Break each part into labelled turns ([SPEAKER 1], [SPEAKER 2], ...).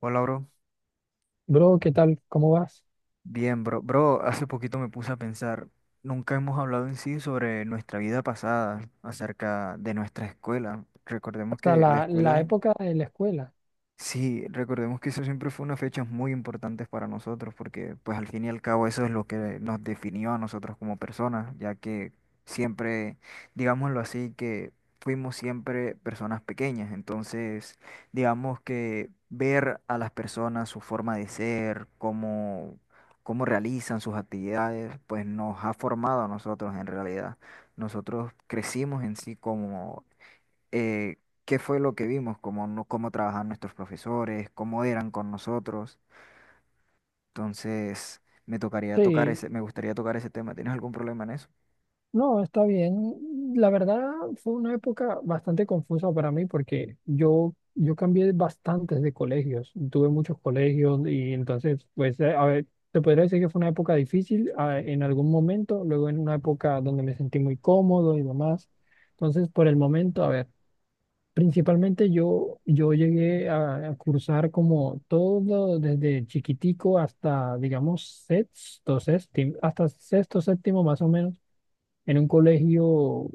[SPEAKER 1] Hola, bro.
[SPEAKER 2] Bro, ¿qué tal? ¿Cómo vas?
[SPEAKER 1] Bien, bro. Bro, hace poquito me puse a pensar, nunca hemos hablado en sí sobre nuestra vida pasada, acerca de nuestra escuela.
[SPEAKER 2] O
[SPEAKER 1] Recordemos
[SPEAKER 2] sea,
[SPEAKER 1] que la
[SPEAKER 2] la
[SPEAKER 1] escuela.
[SPEAKER 2] época de la escuela.
[SPEAKER 1] Sí, recordemos que eso siempre fue una fecha muy importante para nosotros, porque pues al fin y al cabo eso es lo que nos definió a nosotros como personas, ya que siempre, digámoslo así, que fuimos siempre personas pequeñas, entonces digamos que ver a las personas su forma de ser, cómo realizan sus actividades, pues nos ha formado a nosotros en realidad. Nosotros crecimos en sí eh, qué fue lo que vimos, cómo, no- cómo trabajaban nuestros profesores, cómo eran con nosotros. Entonces,
[SPEAKER 2] Sí,
[SPEAKER 1] me gustaría tocar ese tema. ¿Tienes algún problema en eso?
[SPEAKER 2] no, está bien. La verdad fue una época bastante confusa para mí porque yo cambié bastantes de colegios. Tuve muchos colegios y entonces, pues, a ver, te podría decir que fue una época difícil en algún momento, luego en una época donde me sentí muy cómodo y demás. Entonces, por el momento, a ver. Principalmente yo llegué a cursar como todo desde chiquitico hasta, digamos, sexto, séptimo, hasta sexto, séptimo más o menos, en un colegio,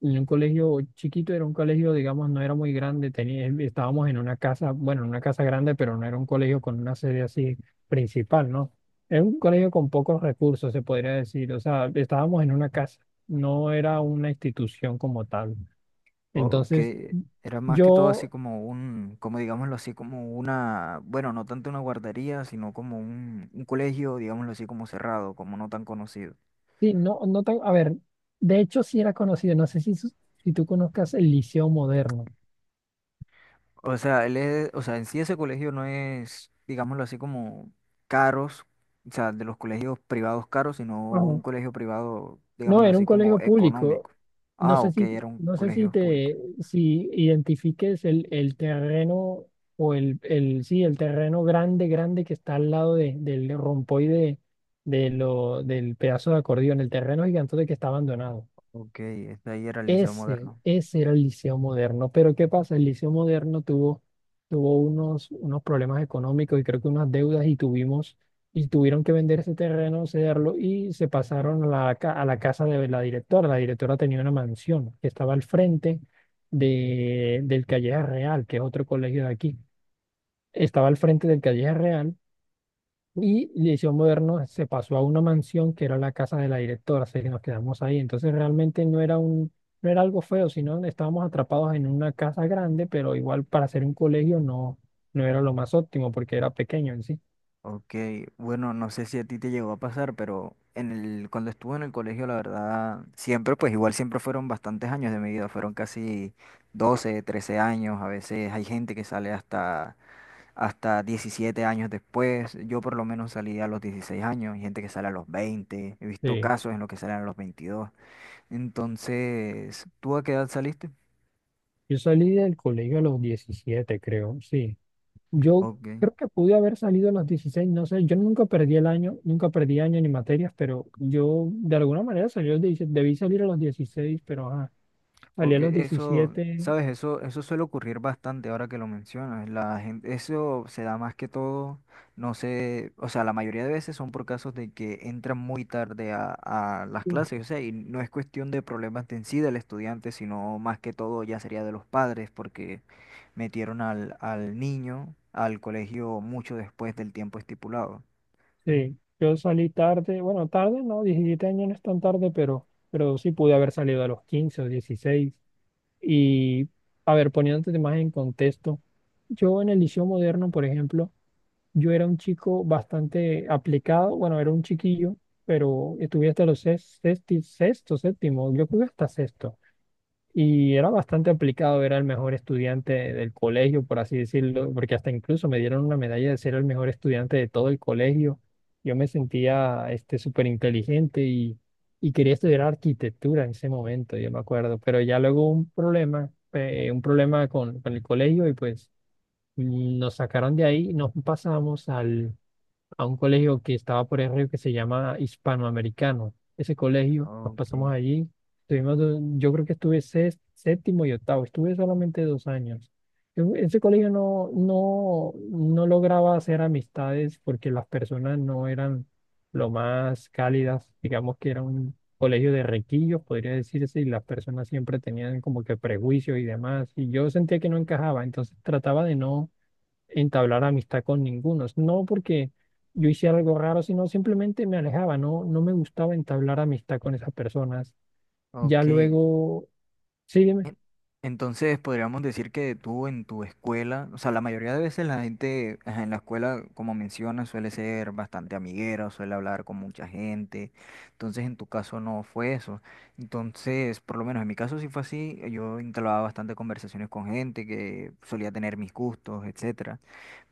[SPEAKER 2] en un colegio chiquito, era un colegio, digamos, no era muy grande, tenía, estábamos en una casa, bueno, en una casa grande, pero no era un colegio con una sede así principal, ¿no? Era un colegio con pocos recursos, se podría decir, o sea, estábamos en una casa, no era una institución como tal.
[SPEAKER 1] O
[SPEAKER 2] Entonces.
[SPEAKER 1] que era más que todo así
[SPEAKER 2] Yo
[SPEAKER 1] como un, como digámoslo así, como una, bueno, no tanto una guardería, sino como un, colegio, digámoslo así, como cerrado, como no tan conocido.
[SPEAKER 2] Sí, no, no tan, a ver, de hecho sí era conocido, no sé si, si tú conozcas el Liceo Moderno.
[SPEAKER 1] O sea, o sea, en sí ese colegio no es, digámoslo así, como caros, o sea, de los colegios privados caros, sino
[SPEAKER 2] Ajá.
[SPEAKER 1] un colegio privado,
[SPEAKER 2] No,
[SPEAKER 1] digámoslo
[SPEAKER 2] era
[SPEAKER 1] así,
[SPEAKER 2] un
[SPEAKER 1] como
[SPEAKER 2] colegio público.
[SPEAKER 1] económico.
[SPEAKER 2] No
[SPEAKER 1] Ah,
[SPEAKER 2] sé
[SPEAKER 1] ok,
[SPEAKER 2] si,
[SPEAKER 1] era un
[SPEAKER 2] no sé si
[SPEAKER 1] colegio público.
[SPEAKER 2] te, si identifiques el terreno o sí, el terreno grande, grande que está al lado del rompoide del pedazo de acordeón, el terreno gigante que está abandonado.
[SPEAKER 1] Ok, ahí era el Liceo
[SPEAKER 2] Ese,
[SPEAKER 1] Moderno.
[SPEAKER 2] ese era el Liceo Moderno. Pero ¿qué pasa? El Liceo Moderno tuvo unos problemas económicos y creo que unas deudas y y tuvieron que vender ese terreno, cederlo y se pasaron a a la casa de la directora. La directora tenía una mansión que estaba al frente del Calleja Real, que es otro colegio de aquí. Estaba al frente del Calleja Real y Liceo Moderno se pasó a una mansión que era la casa de la directora, así que nos quedamos ahí. Entonces realmente no era algo feo, sino estábamos atrapados en una casa grande, pero igual para ser un colegio no era lo más óptimo porque era pequeño en sí.
[SPEAKER 1] Ok, bueno, no sé si a ti te llegó a pasar, pero cuando estuve en el colegio, la verdad, siempre, pues igual siempre fueron bastantes años de mi vida, fueron casi 12 13 años, a veces hay gente que sale hasta 17 años después. Yo por lo menos salí a los 16 años, hay gente que sale a los 20 he visto
[SPEAKER 2] Sí.
[SPEAKER 1] casos en los que salen a los 22. Entonces, ¿tú a qué edad saliste?
[SPEAKER 2] Yo salí del colegio a los 17 creo, sí. Yo
[SPEAKER 1] Ok.
[SPEAKER 2] creo que pude haber salido a los 16 no sé, yo nunca perdí el año, nunca perdí año ni materias, pero yo de alguna manera salí a los 16, debí salir a los 16 pero ajá, salí a los
[SPEAKER 1] Porque eso,
[SPEAKER 2] 17.
[SPEAKER 1] sabes, eso suele ocurrir bastante ahora que lo mencionas. La gente, eso se da más que todo, no sé, o sea, la mayoría de veces son por casos de que entran muy tarde a, las clases, o sea, y no es cuestión de problemas de en sí del estudiante, sino más que todo ya sería de los padres, porque metieron al niño al colegio mucho después del tiempo estipulado.
[SPEAKER 2] Sí, yo salí tarde, bueno, tarde, no, 17 años no es tan tarde, pero sí pude haber salido a los 15 o 16. Y, a ver, poniéndote más en contexto, yo en el Liceo Moderno, por ejemplo, yo era un chico bastante aplicado, bueno, era un chiquillo, pero estuve hasta los sexto, séptimo, yo creo que hasta sexto. Y era bastante aplicado, era el mejor estudiante del colegio, por así decirlo, porque hasta incluso me dieron una medalla de ser el mejor estudiante de todo el colegio. Yo me sentía súper inteligente y quería estudiar arquitectura en ese momento, yo me acuerdo, pero ya luego un problema con el colegio y pues nos sacaron de ahí, nos pasamos al a un colegio que estaba por el río que se llama Hispanoamericano. Ese colegio, nos
[SPEAKER 1] Ok,
[SPEAKER 2] pasamos allí, yo creo que estuve séptimo y octavo, estuve solamente 2 años. Ese colegio no lograba hacer amistades porque las personas no eran lo más cálidas, digamos que era un colegio de requillos, podría decirse, y las personas siempre tenían como que prejuicios y demás, y yo sentía que no encajaba, entonces trataba de no entablar amistad con ninguno. No porque yo hiciera algo raro, sino simplemente me alejaba, no me gustaba entablar amistad con esas personas. Ya
[SPEAKER 1] ok.
[SPEAKER 2] luego, sígueme.
[SPEAKER 1] En- Entonces podríamos decir que tú en tu escuela, o sea, la mayoría de veces la gente ajá, en la escuela, como mencionas, suele ser bastante amiguera, suele hablar con mucha gente. Entonces en tu caso no fue eso. Entonces, por lo menos en mi caso sí fue así. Yo entablaba bastante conversaciones con gente que solía tener mis gustos, etcétera.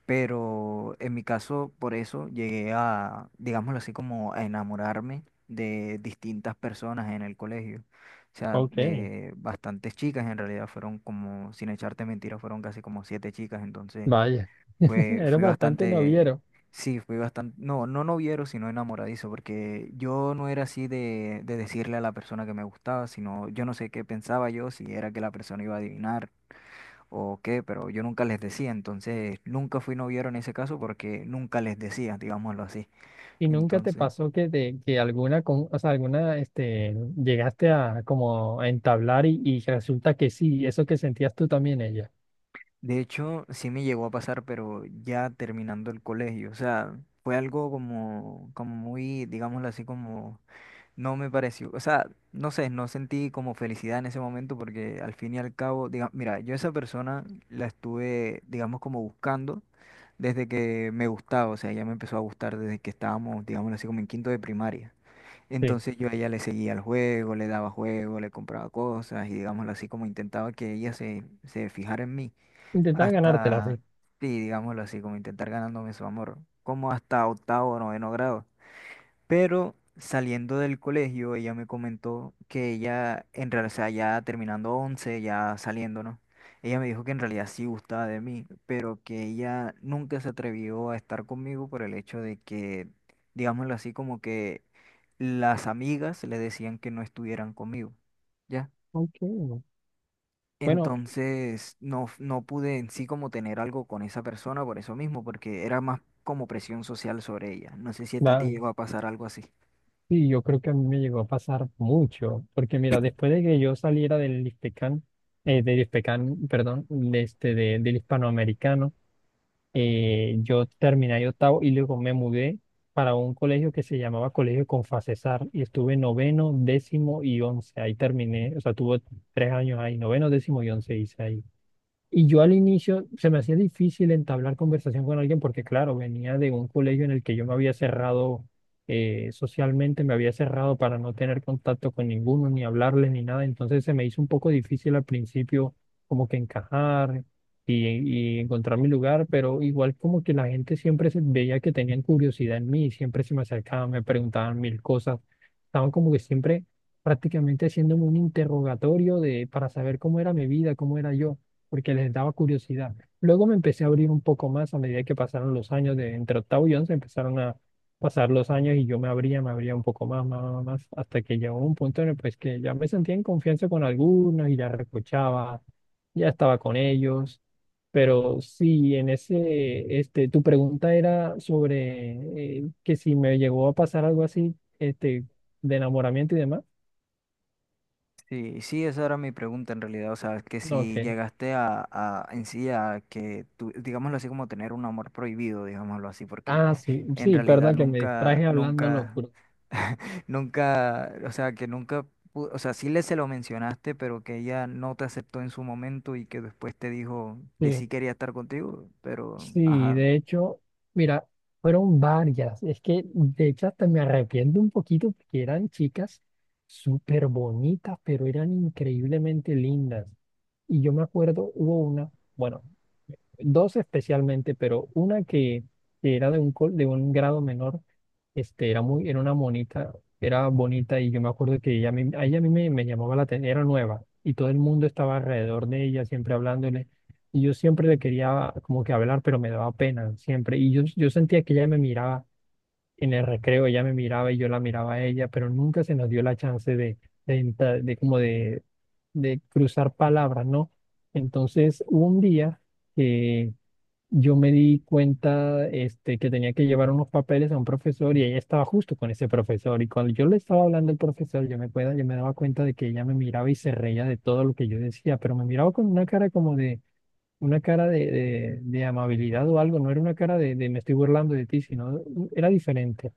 [SPEAKER 1] Pero en mi caso, por eso llegué a, digámoslo así, como a enamorarme de distintas personas en el colegio. O sea,
[SPEAKER 2] Ok.
[SPEAKER 1] de bastantes chicas, en realidad fueron como, sin echarte mentiras, fueron casi como siete chicas. Entonces,
[SPEAKER 2] Vaya,
[SPEAKER 1] fue,
[SPEAKER 2] eres
[SPEAKER 1] fui
[SPEAKER 2] bastante
[SPEAKER 1] bastante,
[SPEAKER 2] noviero.
[SPEAKER 1] sí, fui bastante, no, no noviero, sino enamoradizo, porque yo no era así de decirle a la persona que me gustaba, sino yo no sé qué pensaba yo, si era que la persona iba a adivinar o qué, pero yo nunca les decía, entonces nunca fui noviero en ese caso porque nunca les decía, digámoslo así.
[SPEAKER 2] ¿Y nunca te
[SPEAKER 1] Entonces,
[SPEAKER 2] pasó que, que alguna, o sea, alguna, llegaste a como a entablar y resulta que sí, eso que sentías tú también ella?
[SPEAKER 1] de hecho, sí me llegó a pasar, pero ya terminando el colegio, o sea, fue algo como muy, digámoslo así, como no me pareció, o sea, no sé, no sentí como felicidad en ese momento porque al fin y al cabo, diga, mira, yo a esa persona la estuve, digamos, como buscando desde que me gustaba, o sea, ella me empezó a gustar desde que estábamos, digámoslo así, como en quinto de primaria.
[SPEAKER 2] Sí.
[SPEAKER 1] Entonces yo a ella le seguía el juego, le daba juego, le compraba cosas y digámoslo así como intentaba que ella se fijara en mí
[SPEAKER 2] Intentaba ganártela,
[SPEAKER 1] hasta,
[SPEAKER 2] sí.
[SPEAKER 1] sí, digámoslo así como intentar ganándome su amor, como hasta octavo o noveno grado. Pero saliendo del colegio, ella me comentó que ella, en realidad, o sea, ya terminando 11 ya saliendo, ¿no? Ella me dijo que en realidad sí gustaba de mí, pero que ella nunca se atrevió a estar conmigo por el hecho de que, digámoslo así, como que las amigas le decían que no estuvieran conmigo, ¿ya?
[SPEAKER 2] Ok. Bueno,
[SPEAKER 1] Entonces no, no pude en sí como tener algo con esa persona por eso mismo, porque era más como presión social sobre ella. No sé si a ti te
[SPEAKER 2] va.
[SPEAKER 1] llegó a pasar algo así.
[SPEAKER 2] Sí, yo creo que a mí me llegó a pasar mucho, porque mira, después de que yo saliera del Hispecan, perdón, de del hispanoamericano, yo terminé ahí octavo y luego me mudé para un colegio que se llamaba Colegio Confacesar y estuve noveno, décimo y once, ahí terminé, o sea, tuve 3 años ahí, noveno, décimo y once hice ahí. Y yo al inicio se me hacía difícil entablar conversación con alguien porque, claro, venía de un colegio en el que yo me había cerrado, socialmente, me había cerrado para no tener contacto con ninguno, ni hablarles, ni nada. Entonces se me hizo un poco difícil al principio como que encajar y encontrar mi lugar, pero igual como que la gente siempre se veía que tenían curiosidad en mí, siempre se me acercaban, me preguntaban mil cosas. Estaban como que siempre prácticamente haciéndome un interrogatorio de, para saber cómo era mi vida, cómo era yo porque les daba curiosidad. Luego me empecé a abrir un poco más a medida que pasaron los años, de entre octavo y once empezaron a pasar los años y yo me abría un poco más, más, más, más, hasta que llegó un punto en el pues, que ya me sentía en confianza con algunos y ya recochaba, ya estaba con ellos. Pero sí, tu pregunta era sobre que si me llegó a pasar algo así, de enamoramiento y demás.
[SPEAKER 1] Sí, sí, esa era mi pregunta en realidad. O sea, que
[SPEAKER 2] Ok.
[SPEAKER 1] si llegaste a, en sí a que tú, digámoslo así, como tener un amor prohibido, digámoslo así, porque
[SPEAKER 2] Ah, sí,
[SPEAKER 1] en
[SPEAKER 2] sí,
[SPEAKER 1] realidad
[SPEAKER 2] perdón que me
[SPEAKER 1] nunca,
[SPEAKER 2] distraje hablando
[SPEAKER 1] nunca,
[SPEAKER 2] locura.
[SPEAKER 1] nunca, o sea, que nunca, o sea, sí le se lo mencionaste, pero que ella no te aceptó en su momento y que después te dijo que
[SPEAKER 2] Sí.
[SPEAKER 1] sí quería estar contigo, pero,
[SPEAKER 2] Sí,
[SPEAKER 1] ajá,
[SPEAKER 2] de hecho, mira, fueron varias. Es que de hecho hasta me arrepiento un poquito porque eran chicas súper bonitas, pero eran increíblemente lindas. Y yo me acuerdo, hubo una, bueno, dos especialmente, pero una que era de de un grado menor, era una monita, era bonita y yo me acuerdo que ella, a ella a mí me llamaba la atención, era nueva y todo el mundo estaba alrededor de ella, siempre hablándole y yo siempre le quería como que hablar, pero me daba pena siempre y yo sentía que ella me miraba en el recreo, ella me miraba y yo la miraba a ella, pero nunca se nos dio la chance de, entra- de como de cruzar palabras, ¿no? Entonces, hubo un día que yo me di cuenta, que tenía que llevar unos papeles a un profesor y ella estaba justo con ese profesor. Y cuando yo le estaba hablando al profesor, yo me daba cuenta de que ella me miraba y se reía de todo lo que yo decía, pero me miraba con una cara de amabilidad o algo, no era una cara de me estoy burlando de ti, sino era diferente.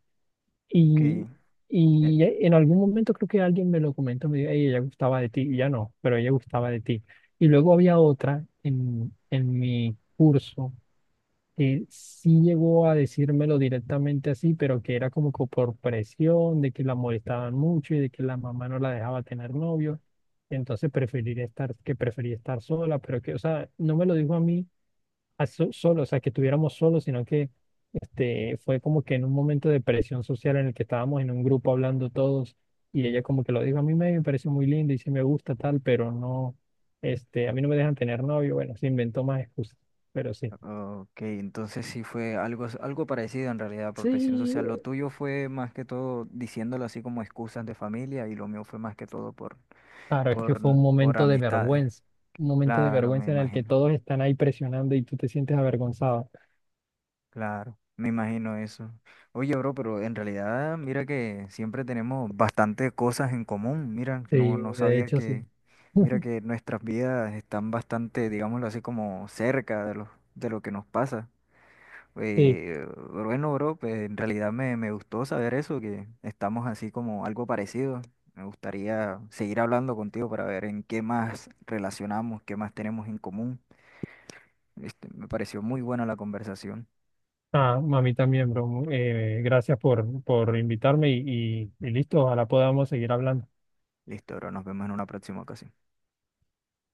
[SPEAKER 2] Y,
[SPEAKER 1] ok.
[SPEAKER 2] y en algún momento creo que alguien me lo comentó, me dijo, "Ey, ella gustaba de ti, y ya no, pero ella gustaba de ti." Y luego había otra en mi curso que sí llegó a decírmelo directamente así, pero que era como que por presión, de que la molestaban mucho y de que la mamá no la dejaba tener novio. Entonces que prefería estar sola, pero que, o sea, no me lo dijo a mí solo, o sea, que estuviéramos solos, sino que, fue como que en un momento de presión social en el que estábamos en un grupo hablando todos y ella como que lo dijo, a mí me parece muy lindo y sí me gusta tal, pero no, a mí no me dejan tener novio, bueno, se inventó más excusas, pero sí.
[SPEAKER 1] Ok, entonces sí fue algo parecido en realidad por presión social.
[SPEAKER 2] Sí,
[SPEAKER 1] Lo tuyo fue más que todo diciéndolo así como excusas de familia y lo mío fue más que todo por,
[SPEAKER 2] claro, es que
[SPEAKER 1] por,
[SPEAKER 2] fue un
[SPEAKER 1] por
[SPEAKER 2] momento de
[SPEAKER 1] amistades.
[SPEAKER 2] vergüenza, un momento de
[SPEAKER 1] Claro, me
[SPEAKER 2] vergüenza en el que
[SPEAKER 1] imagino,
[SPEAKER 2] todos están ahí presionando y tú te sientes avergonzado.
[SPEAKER 1] claro, me imagino eso. Oye, bro, pero en realidad mira que siempre tenemos bastante cosas en común. Mira,
[SPEAKER 2] Sí,
[SPEAKER 1] no
[SPEAKER 2] de
[SPEAKER 1] sabía
[SPEAKER 2] hecho, sí.
[SPEAKER 1] que, mira que nuestras vidas están bastante, digámoslo así, como cerca de lo que nos pasa.
[SPEAKER 2] Sí,
[SPEAKER 1] Eh, bueno, bro, pues en realidad me gustó saber eso, que estamos así como algo parecido. Me gustaría seguir hablando contigo para ver en qué más relacionamos, qué más tenemos en común. Me pareció muy buena la conversación.
[SPEAKER 2] ah, a mí también, bro. Gracias por invitarme y listo, ojalá podamos seguir hablando.
[SPEAKER 1] Listo, bro, nos vemos en una próxima ocasión.